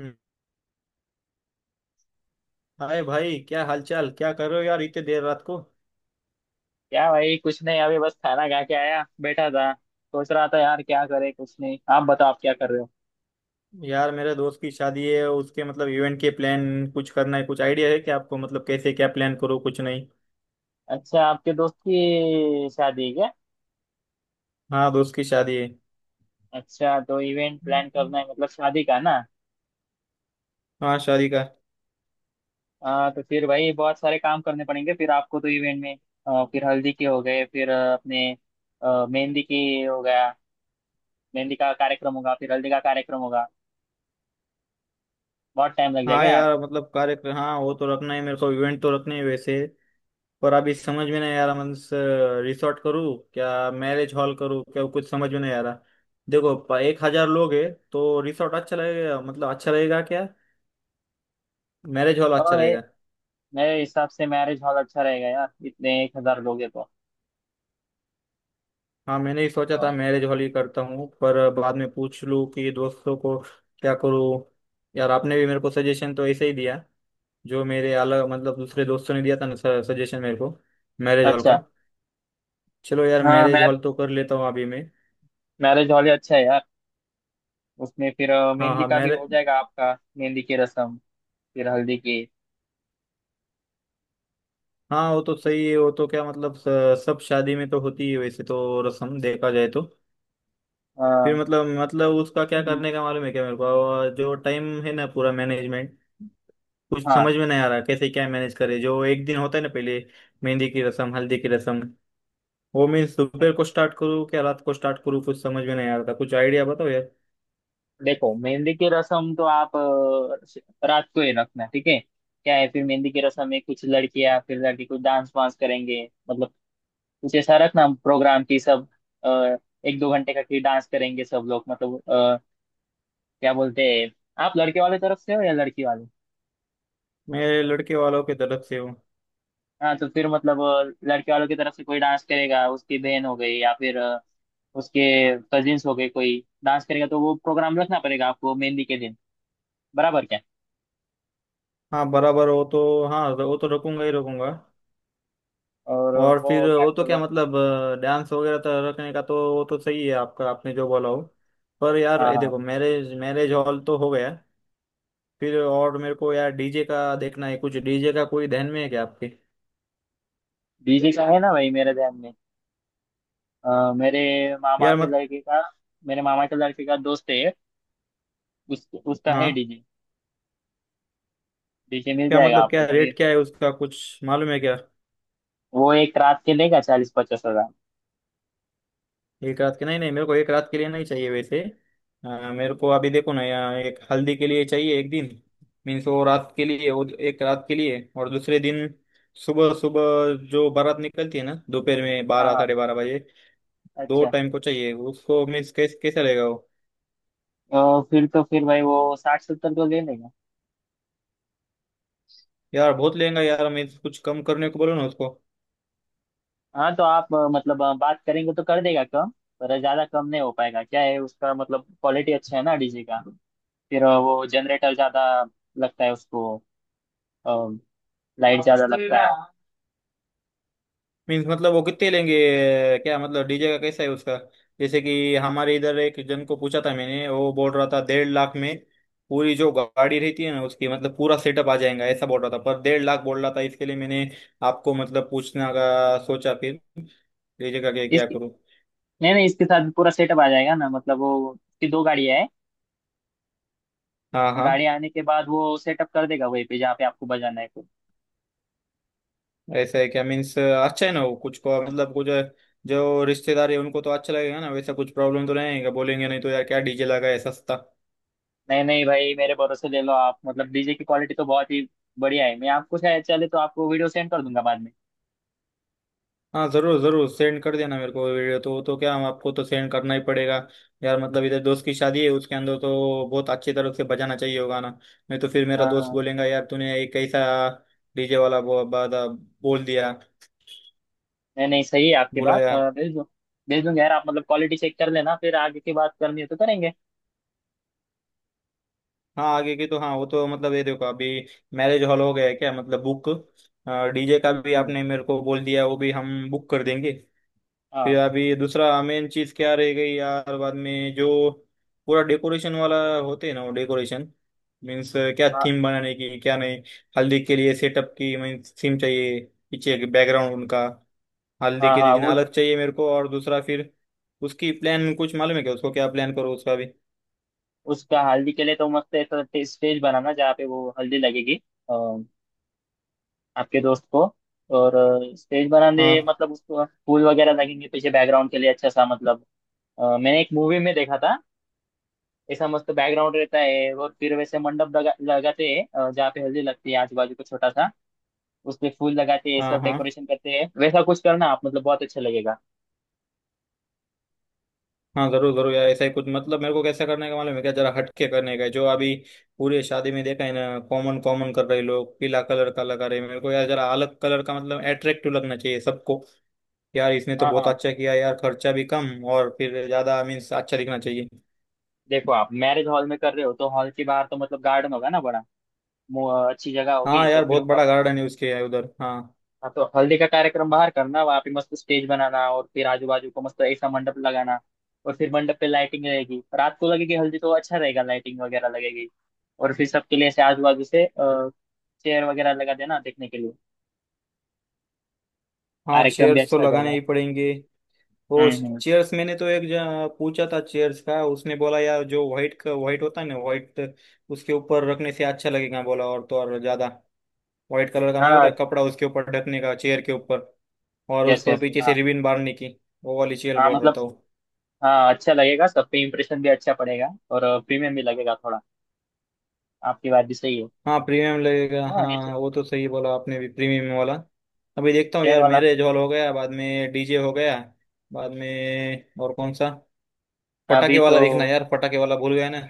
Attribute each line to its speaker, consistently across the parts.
Speaker 1: हम्म, hi भाई, क्या हालचाल, क्या कर रहे हो यार इतने देर रात को।
Speaker 2: क्या भाई, कुछ नहीं, अभी बस खाना खा के आया, बैठा था, सोच रहा था यार क्या करे। कुछ नहीं, आप बताओ, आप क्या कर रहे हो?
Speaker 1: यार मेरे दोस्त की शादी है, उसके मतलब इवेंट के प्लान कुछ करना है। कुछ आइडिया है क्या आपको, मतलब कैसे क्या प्लान करो? कुछ नहीं।
Speaker 2: अच्छा, आपके दोस्त की शादी है क्या?
Speaker 1: हाँ, दोस्त की शादी है।
Speaker 2: अच्छा तो इवेंट प्लान करना है, मतलब शादी का ना।
Speaker 1: हाँ, शादी का।
Speaker 2: तो फिर भाई बहुत सारे काम करने पड़ेंगे फिर आपको तो इवेंट में। फिर हल्दी के हो गए, फिर अपने मेहंदी की हो गया, मेहंदी का कार्यक्रम होगा, फिर हल्दी का कार्यक्रम होगा। बहुत टाइम लग
Speaker 1: हाँ
Speaker 2: जाएगा यार।
Speaker 1: यार, मतलब कार्यक्रम, हाँ वो तो रखना है, मेरे को इवेंट तो रखने है वैसे। पर अभी समझ में नहीं आ रहा, मतलब रिसोर्ट करूँ क्या, मैरिज हॉल करूँ क्या, कुछ समझ में नहीं आ रहा। देखो 1,000 लोग है, तो रिसोर्ट अच्छा लगेगा, मतलब अच्छा रहेगा क्या, मैरिज हॉल अच्छा
Speaker 2: और ये-
Speaker 1: रहेगा।
Speaker 2: मेरे हिसाब से मैरिज हॉल अच्छा रहेगा यार, इतने 1,000 लोग हैं तो।
Speaker 1: हाँ, मैंने ही सोचा
Speaker 2: आ,
Speaker 1: था मैरिज हॉल ही करता हूँ, पर बाद में पूछ लूँ कि दोस्तों को क्या करूँ। यार आपने भी मेरे को सजेशन तो ऐसे ही दिया जो मेरे अलग मतलब दूसरे दोस्तों ने दिया था ना, सजेशन मेरे को, मैरिज हॉल का।
Speaker 2: अच्छा।
Speaker 1: चलो यार,
Speaker 2: हाँ
Speaker 1: मैरिज
Speaker 2: मैं,
Speaker 1: हॉल तो कर लेता हूँ अभी मैं।
Speaker 2: मैरिज हॉल ही अच्छा है यार। उसमें फिर
Speaker 1: हाँ
Speaker 2: मेहंदी
Speaker 1: हाँ
Speaker 2: का भी
Speaker 1: मेरे।
Speaker 2: हो जाएगा आपका। मेहंदी की रस्म, फिर हल्दी की।
Speaker 1: हाँ वो तो
Speaker 2: उस,
Speaker 1: सही है, वो तो क्या मतलब सब शादी में तो होती है वैसे, तो रस्म देखा जाए तो।
Speaker 2: अ,
Speaker 1: फिर मतलब उसका क्या करने का मालूम है क्या मेरे को, और जो टाइम है ना, पूरा मैनेजमेंट कुछ
Speaker 2: हाँ।
Speaker 1: समझ में नहीं आ रहा, कैसे क्या मैनेज करे, जो एक दिन होता है ना पहले, मेहंदी की रसम, हल्दी की रसम। वो मैं दोपहर को स्टार्ट करूँ क्या, रात को स्टार्ट करूँ, कुछ समझ में नहीं आ रहा था, कुछ आइडिया बताओ यार।
Speaker 2: देखो, मेहंदी की रस्म तो आप रात को ही रखना ठीक है। क्या है, फिर मेहंदी की रस्म में कुछ लड़कियां, फिर लड़के कुछ डांस वांस करेंगे, मतलब कुछ ऐसा रखना प्रोग्राम की सब। अ, 1-2 घंटे का, फिर डांस करेंगे सब लोग, मतलब क्या बोलते हैं, आप लड़के वाले तरफ से हो या लड़की वाले?
Speaker 1: मैं लड़के वालों के तरफ से हूँ।
Speaker 2: हाँ तो फिर मतलब लड़के वालों की तरफ से कोई डांस करेगा, उसकी बहन हो गई या फिर उसके कजिन्स हो गए, कोई डांस करेगा, तो वो प्रोग्राम रखना पड़ेगा आपको मेहंदी के दिन। बराबर क्या?
Speaker 1: हाँ, बराबर हो तो। हाँ वो तो रखूंगा ही रखूंगा।
Speaker 2: और
Speaker 1: और
Speaker 2: वो
Speaker 1: फिर
Speaker 2: हो गया
Speaker 1: वो
Speaker 2: आपका।
Speaker 1: तो क्या मतलब, डांस वगैरह तो रखने का, तो वो तो सही है आपका, आपने जो बोला हो। पर यार
Speaker 2: हाँ
Speaker 1: ये
Speaker 2: हाँ।
Speaker 1: देखो, मैरिज मैरिज हॉल तो हो गया, फिर और मेरे को यार डीजे का देखना है। कुछ डीजे का कोई ध्यान में है क्या आपके?
Speaker 2: डीजे का है ना भाई मेरे ध्यान में। मेरे मामा
Speaker 1: यार
Speaker 2: के
Speaker 1: मत।
Speaker 2: लड़के का, मेरे मामा के लड़के का दोस्त है। उस उसका है
Speaker 1: हाँ,
Speaker 2: डीजे। डीजे मिल
Speaker 1: क्या
Speaker 2: जाएगा
Speaker 1: मतलब
Speaker 2: आपको
Speaker 1: क्या
Speaker 2: तो।
Speaker 1: रेट क्या है उसका, कुछ मालूम है क्या?
Speaker 2: वो एक रात के लेगा 40-50 हजार।
Speaker 1: एक रात के, नहीं नहीं, मेरे को एक रात के लिए नहीं चाहिए वैसे। अ, मेरे को अभी देखो ना, यहाँ एक हल्दी के लिए चाहिए एक दिन, मीन्स वो रात के लिए, वो एक रात के लिए, और दूसरे दिन सुबह सुबह जो बारात निकलती है ना, दोपहर में
Speaker 2: हाँ
Speaker 1: 12,
Speaker 2: हाँ,
Speaker 1: 12:30 बजे। दो
Speaker 2: अच्छा।
Speaker 1: टाइम को चाहिए उसको, मीन्स कैसे, कैसा रहेगा वो।
Speaker 2: फिर तो फिर भाई वो 60-70 तो ले लेगा।
Speaker 1: यार बहुत लेगा यार, मीन्स कुछ कम करने को बोलो ना उसको।
Speaker 2: हाँ तो आप मतलब बात करेंगे तो कर देगा कम, पर ज्यादा कम नहीं हो पाएगा। क्या है उसका, मतलब क्वालिटी अच्छा है ना डीजे का। फिर वो जनरेटर ज्यादा लगता है उसको, लाइट ज्यादा लगता है।
Speaker 1: मीन्स मतलब वो कितने लेंगे? क्या मतलब डीजे का कैसा है उसका? जैसे कि हमारे इधर एक जन को पूछा था मैंने, वो बोल रहा था 1.5 लाख में पूरी जो गाड़ी रहती है ना उसकी, मतलब पूरा सेटअप आ जाएगा, ऐसा बोल रहा था, पर 1.5 लाख बोल रहा था इसके लिए मैंने। आपको मतलब पूछना का सोचा, फिर डीजे का क्या, क्या
Speaker 2: इसकी,
Speaker 1: करूँ?
Speaker 2: नहीं नहीं, इसके साथ पूरा सेटअप आ जाएगा ना, मतलब वो उसकी दो गाड़ियाँ है।
Speaker 1: हाँ हाँ।
Speaker 2: गाड़ी आने के बाद वो सेटअप कर देगा वहीं पे जहाँ पे आपको बजाना है फिर।
Speaker 1: ऐसा है क्या? मीन्स अच्छा है ना वो, कुछ को मतलब कुछ जो रिश्तेदार है उनको तो अच्छा लगेगा ना, वैसा कुछ प्रॉब्लम तो नहीं आएगा, बोलेंगे नहीं तो यार क्या डीजे लगा है सस्ता।
Speaker 2: नहीं नहीं भाई, मेरे भरोसे ले लो आप, मतलब डीजे की क्वालिटी तो बहुत ही बढ़िया है। मैं आपको शायद चले तो आपको वीडियो सेंड कर दूंगा बाद में।
Speaker 1: हाँ जरूर जरूर, सेंड कर देना मेरे को वीडियो, तो क्या हम आपको तो सेंड करना ही पड़ेगा। यार मतलब इधर दोस्त की शादी है, उसके अंदर तो बहुत अच्छी तरह से बजाना चाहिए होगा ना, नहीं तो फिर मेरा दोस्त
Speaker 2: हाँ।
Speaker 1: बोलेगा यार तूने एक कैसा डीजे वाला बादा बोल दिया,
Speaker 2: नहीं नहीं, सही है आपकी बात।
Speaker 1: बुलाया।
Speaker 2: भेज दूँ, भेज दूंगा यार, आप मतलब क्वालिटी चेक कर लेना, फिर आगे की बात करनी हो तो करेंगे।
Speaker 1: हाँ, आगे की, तो हाँ वो तो मतलब ये देखो अभी मैरिज हॉल हो गया है क्या मतलब बुक, डीजे का
Speaker 2: हम्म,
Speaker 1: भी
Speaker 2: हम्म।
Speaker 1: आपने मेरे को बोल दिया, वो भी हम बुक कर देंगे। फिर
Speaker 2: हाँ।
Speaker 1: अभी दूसरा मेन चीज क्या रह गई यार, बाद में जो पूरा डेकोरेशन वाला होते हैं ना, वो डेकोरेशन, मीन्स क्या
Speaker 2: हाँ
Speaker 1: थीम बनाने की क्या नहीं, हल्दी के लिए सेटअप की मीन्स थीम चाहिए, पीछे बैकग्राउंड उनका, हल्दी
Speaker 2: हाँ।
Speaker 1: के
Speaker 2: हाँ
Speaker 1: दिन
Speaker 2: वो,
Speaker 1: अलग चाहिए मेरे को, और दूसरा फिर उसकी प्लान कुछ मालूम है क्या, उसको क्या प्लान करो उसका भी?
Speaker 2: उसका हल्दी के लिए तो मस्त ऐसा स्टेज बनाना जहाँ पे वो हल्दी लगेगी अ, आपके दोस्त को। और स्टेज बनाने
Speaker 1: हाँ
Speaker 2: मतलब उसको फूल वगैरह लगेंगे पीछे बैकग्राउंड के लिए अच्छा सा, मतलब मैंने एक मूवी में देखा था, ऐसा मस्त बैकग्राउंड रहता है। और फिर वैसे मंडप लगा लगाते हैं जहाँ पे हल्दी लगती है, आजू बाजू को छोटा सा, उस पे फूल लगाते हैं,
Speaker 1: हाँ।
Speaker 2: सब
Speaker 1: हाँ
Speaker 2: डेकोरेशन करते हैं। वैसा कुछ करना आप, मतलब बहुत अच्छा लगेगा।
Speaker 1: हाँ जरूर जरूर, यार ऐसा ही कुछ मतलब मेरे को कैसा करने का मालूम है क्या, जरा हटके करने का है। जो अभी पूरे शादी में देखा है ना, कॉमन कॉमन कर रहे लोग, पीला कलर का लगा रहे, मेरे को यार जरा अलग कलर का मतलब अट्रैक्टिव लगना चाहिए सबको। यार इसने तो
Speaker 2: हाँ
Speaker 1: बहुत
Speaker 2: हाँ।
Speaker 1: अच्छा किया यार, खर्चा भी कम और फिर ज्यादा मीन्स अच्छा दिखना चाहिए।
Speaker 2: देखो, आप मैरिज हॉल में कर रहे हो तो हॉल के बाहर तो मतलब गार्डन होगा ना बड़ा, अच्छी जगह होगी
Speaker 1: हाँ
Speaker 2: तो
Speaker 1: यार
Speaker 2: फिर
Speaker 1: बहुत
Speaker 2: आप।
Speaker 1: बड़ा गार्डन है उसके, यार उधर हाँ।
Speaker 2: हाँ तो हल्दी का कार्यक्रम बाहर करना, वहाँ पे मस्त स्टेज बनाना और फिर आजू बाजू को मस्त ऐसा मंडप लगाना। और फिर मंडप पे लाइटिंग रहेगी, रात को लगेगी हल्दी तो अच्छा रहेगा, लाइटिंग वगैरह लगेगी। और फिर सबके लिए ऐसे आजू बाजू से चेयर वगैरह लगा देना देखने के लिए।
Speaker 1: हाँ,
Speaker 2: कार्यक्रम भी
Speaker 1: चेयर्स तो
Speaker 2: अच्छा हो
Speaker 1: लगाने
Speaker 2: जाएगा।
Speaker 1: ही पड़ेंगे वो।
Speaker 2: हम्म।
Speaker 1: चेयर्स मैंने तो एक जगह पूछा था चेयर्स का, उसने बोला यार जो व्हाइट का व्हाइट होता है ना, व्हाइट उसके ऊपर रखने से अच्छा लगेगा बोला, और तो और ज्यादा व्हाइट कलर का नहीं होता
Speaker 2: हाँ।
Speaker 1: कपड़ा उसके ऊपर ढकने का, चेयर के ऊपर, और
Speaker 2: यस
Speaker 1: उसको
Speaker 2: यस।
Speaker 1: पीछे से
Speaker 2: हाँ
Speaker 1: रिबन बांधने की, वो वाली चेयर
Speaker 2: हाँ
Speaker 1: बोल रहा
Speaker 2: मतलब,
Speaker 1: था वो।
Speaker 2: हाँ अच्छा लगेगा, सब पे इम्प्रेशन भी अच्छा पड़ेगा और प्रीमियम भी लगेगा थोड़ा। आपकी बात भी सही है।
Speaker 1: हाँ प्रीमियम लगेगा,
Speaker 2: हाँ ये,
Speaker 1: हाँ वो तो सही बोला आपने भी, प्रीमियम वाला। अभी देखता हूँ
Speaker 2: शेयर
Speaker 1: यार,
Speaker 2: वाला।
Speaker 1: मैरिज हॉल हो गया, बाद में डीजे हो गया, बाद में और कौन सा,
Speaker 2: अभी
Speaker 1: पटाखे
Speaker 2: तो,
Speaker 1: वाला देखना यार, पटाखे वाला भूल गया ना।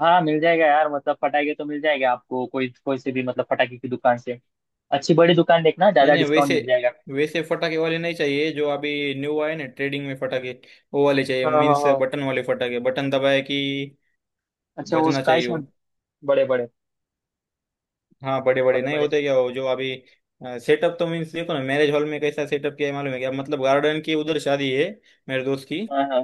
Speaker 2: हाँ मिल जाएगा यार, मतलब फटाके तो मिल जाएगा आपको कोई कोई से भी, मतलब फटाके की दुकान से। अच्छी बड़ी दुकान देखना,
Speaker 1: नहीं
Speaker 2: ज्यादा
Speaker 1: नहीं
Speaker 2: डिस्काउंट
Speaker 1: वैसे,
Speaker 2: मिल जाएगा।
Speaker 1: वैसे फटाके वाले नहीं चाहिए जो अभी न्यू आए ना ट्रेडिंग में फटाके, वो वाले चाहिए,
Speaker 2: हाँ हाँ
Speaker 1: मीन्स
Speaker 2: हाँ।
Speaker 1: बटन वाले फटाके, बटन दबाए कि
Speaker 2: अच्छा वो
Speaker 1: बजना
Speaker 2: स्काई
Speaker 1: चाहिए वो।
Speaker 2: शॉट, बड़े बड़े,
Speaker 1: हाँ, बड़े बड़े
Speaker 2: बड़े
Speaker 1: नहीं
Speaker 2: बड़े
Speaker 1: होते
Speaker 2: से।
Speaker 1: क्या वो, जो अभी सेटअप, तो मीन्स देखो ना, मैरिज हॉल में कैसा सेटअप किया है मालूम है क्या, मतलब गार्डन की उधर शादी है, मेरे दोस्त की,
Speaker 2: हाँ हाँ।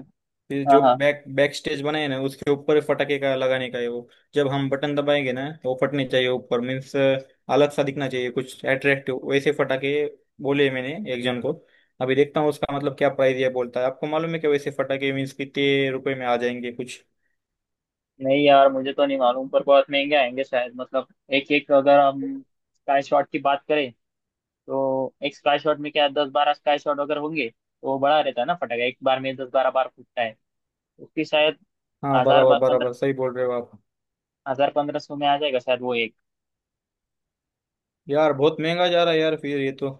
Speaker 1: फिर
Speaker 2: हाँ
Speaker 1: जो
Speaker 2: हाँ।
Speaker 1: बैक बैक स्टेज बनाए ना उसके ऊपर फटाके का लगाने का है वो, जब हम बटन दबाएंगे ना, वो फटने चाहिए ऊपर, मीन्स अलग सा दिखना चाहिए कुछ अट्रैक्टिव, वैसे फटाके बोले मैंने एक जन को। अभी देखता हूँ उसका मतलब क्या प्राइस है बोलता है, आपको मालूम है क्या वैसे फटाके मीन्स कितने रुपए में आ जाएंगे कुछ?
Speaker 2: नहीं यार, मुझे तो नहीं मालूम, पर बहुत महंगे आएंगे शायद, मतलब एक एक, अगर हम स्काई शॉट की बात करें, तो एक स्काई शॉट में क्या 10-12 स्काई शॉट अगर होंगे तो वो बड़ा रहता है ना फटाका, एक बार में 10-12 बार फूटता है। उसकी शायद
Speaker 1: हाँ
Speaker 2: हजार
Speaker 1: बराबर
Speaker 2: पंद्रह
Speaker 1: बराबर, सही बोल रहे हो आप।
Speaker 2: 1,000-1,500 में आ जाएगा शायद वो एक।
Speaker 1: यार बहुत महंगा जा रहा है यार, फिर ये तो।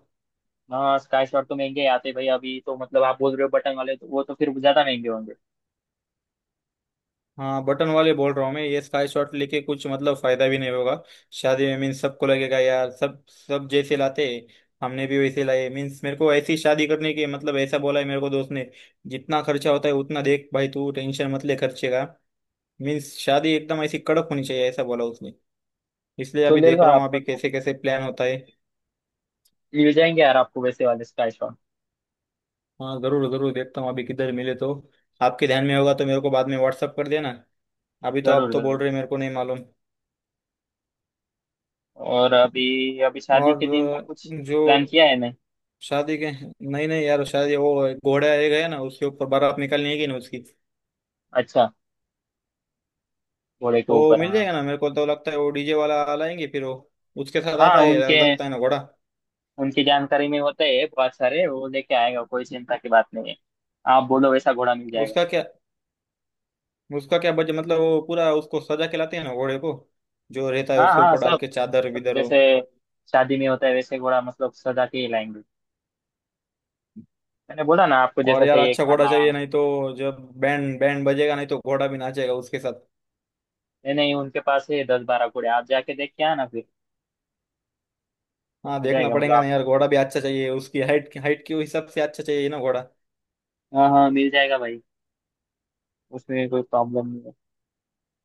Speaker 2: हाँ स्काई शॉट तो महंगे आते भाई। अभी तो मतलब आप बोल रहे हो बटन वाले तो वो तो फिर ज्यादा महंगे होंगे।
Speaker 1: हाँ बटन वाले बोल रहा हूँ मैं, ये स्काई शॉट लेके कुछ मतलब फायदा भी नहीं होगा शादी में, मीन्स सबको लगेगा यार, सब सब जैसे लाते, हमने भी वैसे लाए, मीन्स मेरे को ऐसी शादी करने की मतलब ऐसा बोला है मेरे को दोस्त ने, जितना खर्चा होता है उतना देख भाई, तू टेंशन मत ले खर्चे का, मीन्स शादी एकदम ऐसी कड़क होनी चाहिए, ऐसा बोला उसने। इसलिए
Speaker 2: तो
Speaker 1: अभी
Speaker 2: ले लो
Speaker 1: देख रहा
Speaker 2: आप,
Speaker 1: हूँ अभी
Speaker 2: मतलब
Speaker 1: कैसे कैसे प्लान होता है।
Speaker 2: मिल जाएंगे यार आपको वैसे वाले स्काई शॉट।
Speaker 1: हाँ जरूर जरूर देखता हूँ, अभी किधर मिले तो आपके ध्यान में होगा तो मेरे को बाद में व्हाट्सअप कर देना। अभी तो आप
Speaker 2: जरूर
Speaker 1: तो बोल
Speaker 2: जरूर।
Speaker 1: रहे मेरे को नहीं मालूम।
Speaker 2: और अभी अभी शादी
Speaker 1: और
Speaker 2: के दिन का कुछ प्लान
Speaker 1: जो
Speaker 2: किया है नहीं?
Speaker 1: शादी के, नहीं नहीं यार, शादी वो, घोड़ा एक है ना उसके ऊपर बारात निकलनी है कि ना उसकी।
Speaker 2: अच्छा, घोड़े के
Speaker 1: वो
Speaker 2: ऊपर,
Speaker 1: मिल
Speaker 2: हाँ।
Speaker 1: जाएगा ना मेरे को, तो लगता है वो डीजे वाला लाएंगे फिर वो उसके साथ
Speaker 2: हाँ
Speaker 1: आता है यार,
Speaker 2: उनके,
Speaker 1: लगता है ना घोड़ा।
Speaker 2: उनकी जानकारी में होते हैं बहुत सारे, वो लेके आएगा, कोई चिंता की बात नहीं है। आप बोलो वैसा घोड़ा मिल जाएगा।
Speaker 1: उसका क्या, उसका क्या बजट मतलब, वो पूरा उसको सजा के लाते हैं ना घोड़े को, जो रहता है
Speaker 2: हाँ
Speaker 1: उसके
Speaker 2: हाँ
Speaker 1: ऊपर डाल
Speaker 2: सब,
Speaker 1: के चादर
Speaker 2: सब
Speaker 1: विदर वो।
Speaker 2: जैसे शादी में होता है वैसे घोड़ा मतलब सजा के ही लाएंगे। मैंने बोला ना आपको,
Speaker 1: और
Speaker 2: जैसा
Speaker 1: यार
Speaker 2: चाहिए
Speaker 1: अच्छा घोड़ा
Speaker 2: काला।
Speaker 1: चाहिए, नहीं तो जब बैंड बैंड बजेगा, नहीं तो घोड़ा भी नाचेगा उसके साथ।
Speaker 2: नहीं नहीं, उनके पास है 10-12 घोड़े, आप जाके देख के आना फिर।
Speaker 1: हाँ
Speaker 2: हो
Speaker 1: देखना
Speaker 2: जाएगा मतलब
Speaker 1: पड़ेगा ना
Speaker 2: आप,
Speaker 1: यार, घोड़ा भी अच्छा चाहिए, उसकी हाइट हाइट के हिसाब से अच्छा चाहिए ना घोड़ा।
Speaker 2: हाँ हाँ मिल जाएगा भाई। उसमें कोई प्रॉब्लम नहीं है।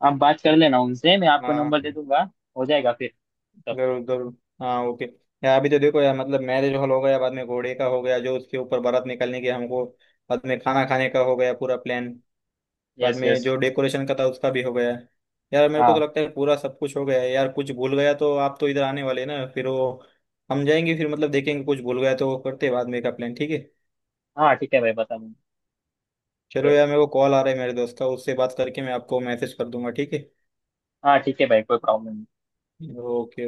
Speaker 2: आप बात कर लेना उनसे, मैं आपको नंबर दे
Speaker 1: हाँ
Speaker 2: दूंगा। हो जाएगा फिर सब।
Speaker 1: जरूर जरूर। हाँ ओके। यार अभी तो देखो यार, मतलब मैरिज हॉल हो गया, बाद में घोड़े का हो गया जो उसके ऊपर बारात निकलने की हमको, बाद में खाना खाने का हो गया, पूरा प्लान, बाद
Speaker 2: यस यस।
Speaker 1: में जो डेकोरेशन का था उसका भी हो गया। यार मेरे को तो
Speaker 2: हाँ।
Speaker 1: लगता है पूरा सब कुछ हो गया है यार, कुछ भूल गया तो आप तो इधर आने वाले हैं ना, फिर वो हम जाएंगे फिर मतलब देखेंगे कुछ भूल गया तो वो करते हैं, बाद में का प्लान ठीक है।
Speaker 2: हाँ ठीक है भाई, बता दूंगा।
Speaker 1: चलो यार, मेरे को कॉल आ रहा है मेरे दोस्त का, उससे बात करके मैं आपको मैसेज कर दूंगा, ठीक है।
Speaker 2: हाँ ठीक है भाई, कोई प्रॉब्लम नहीं।
Speaker 1: ओके।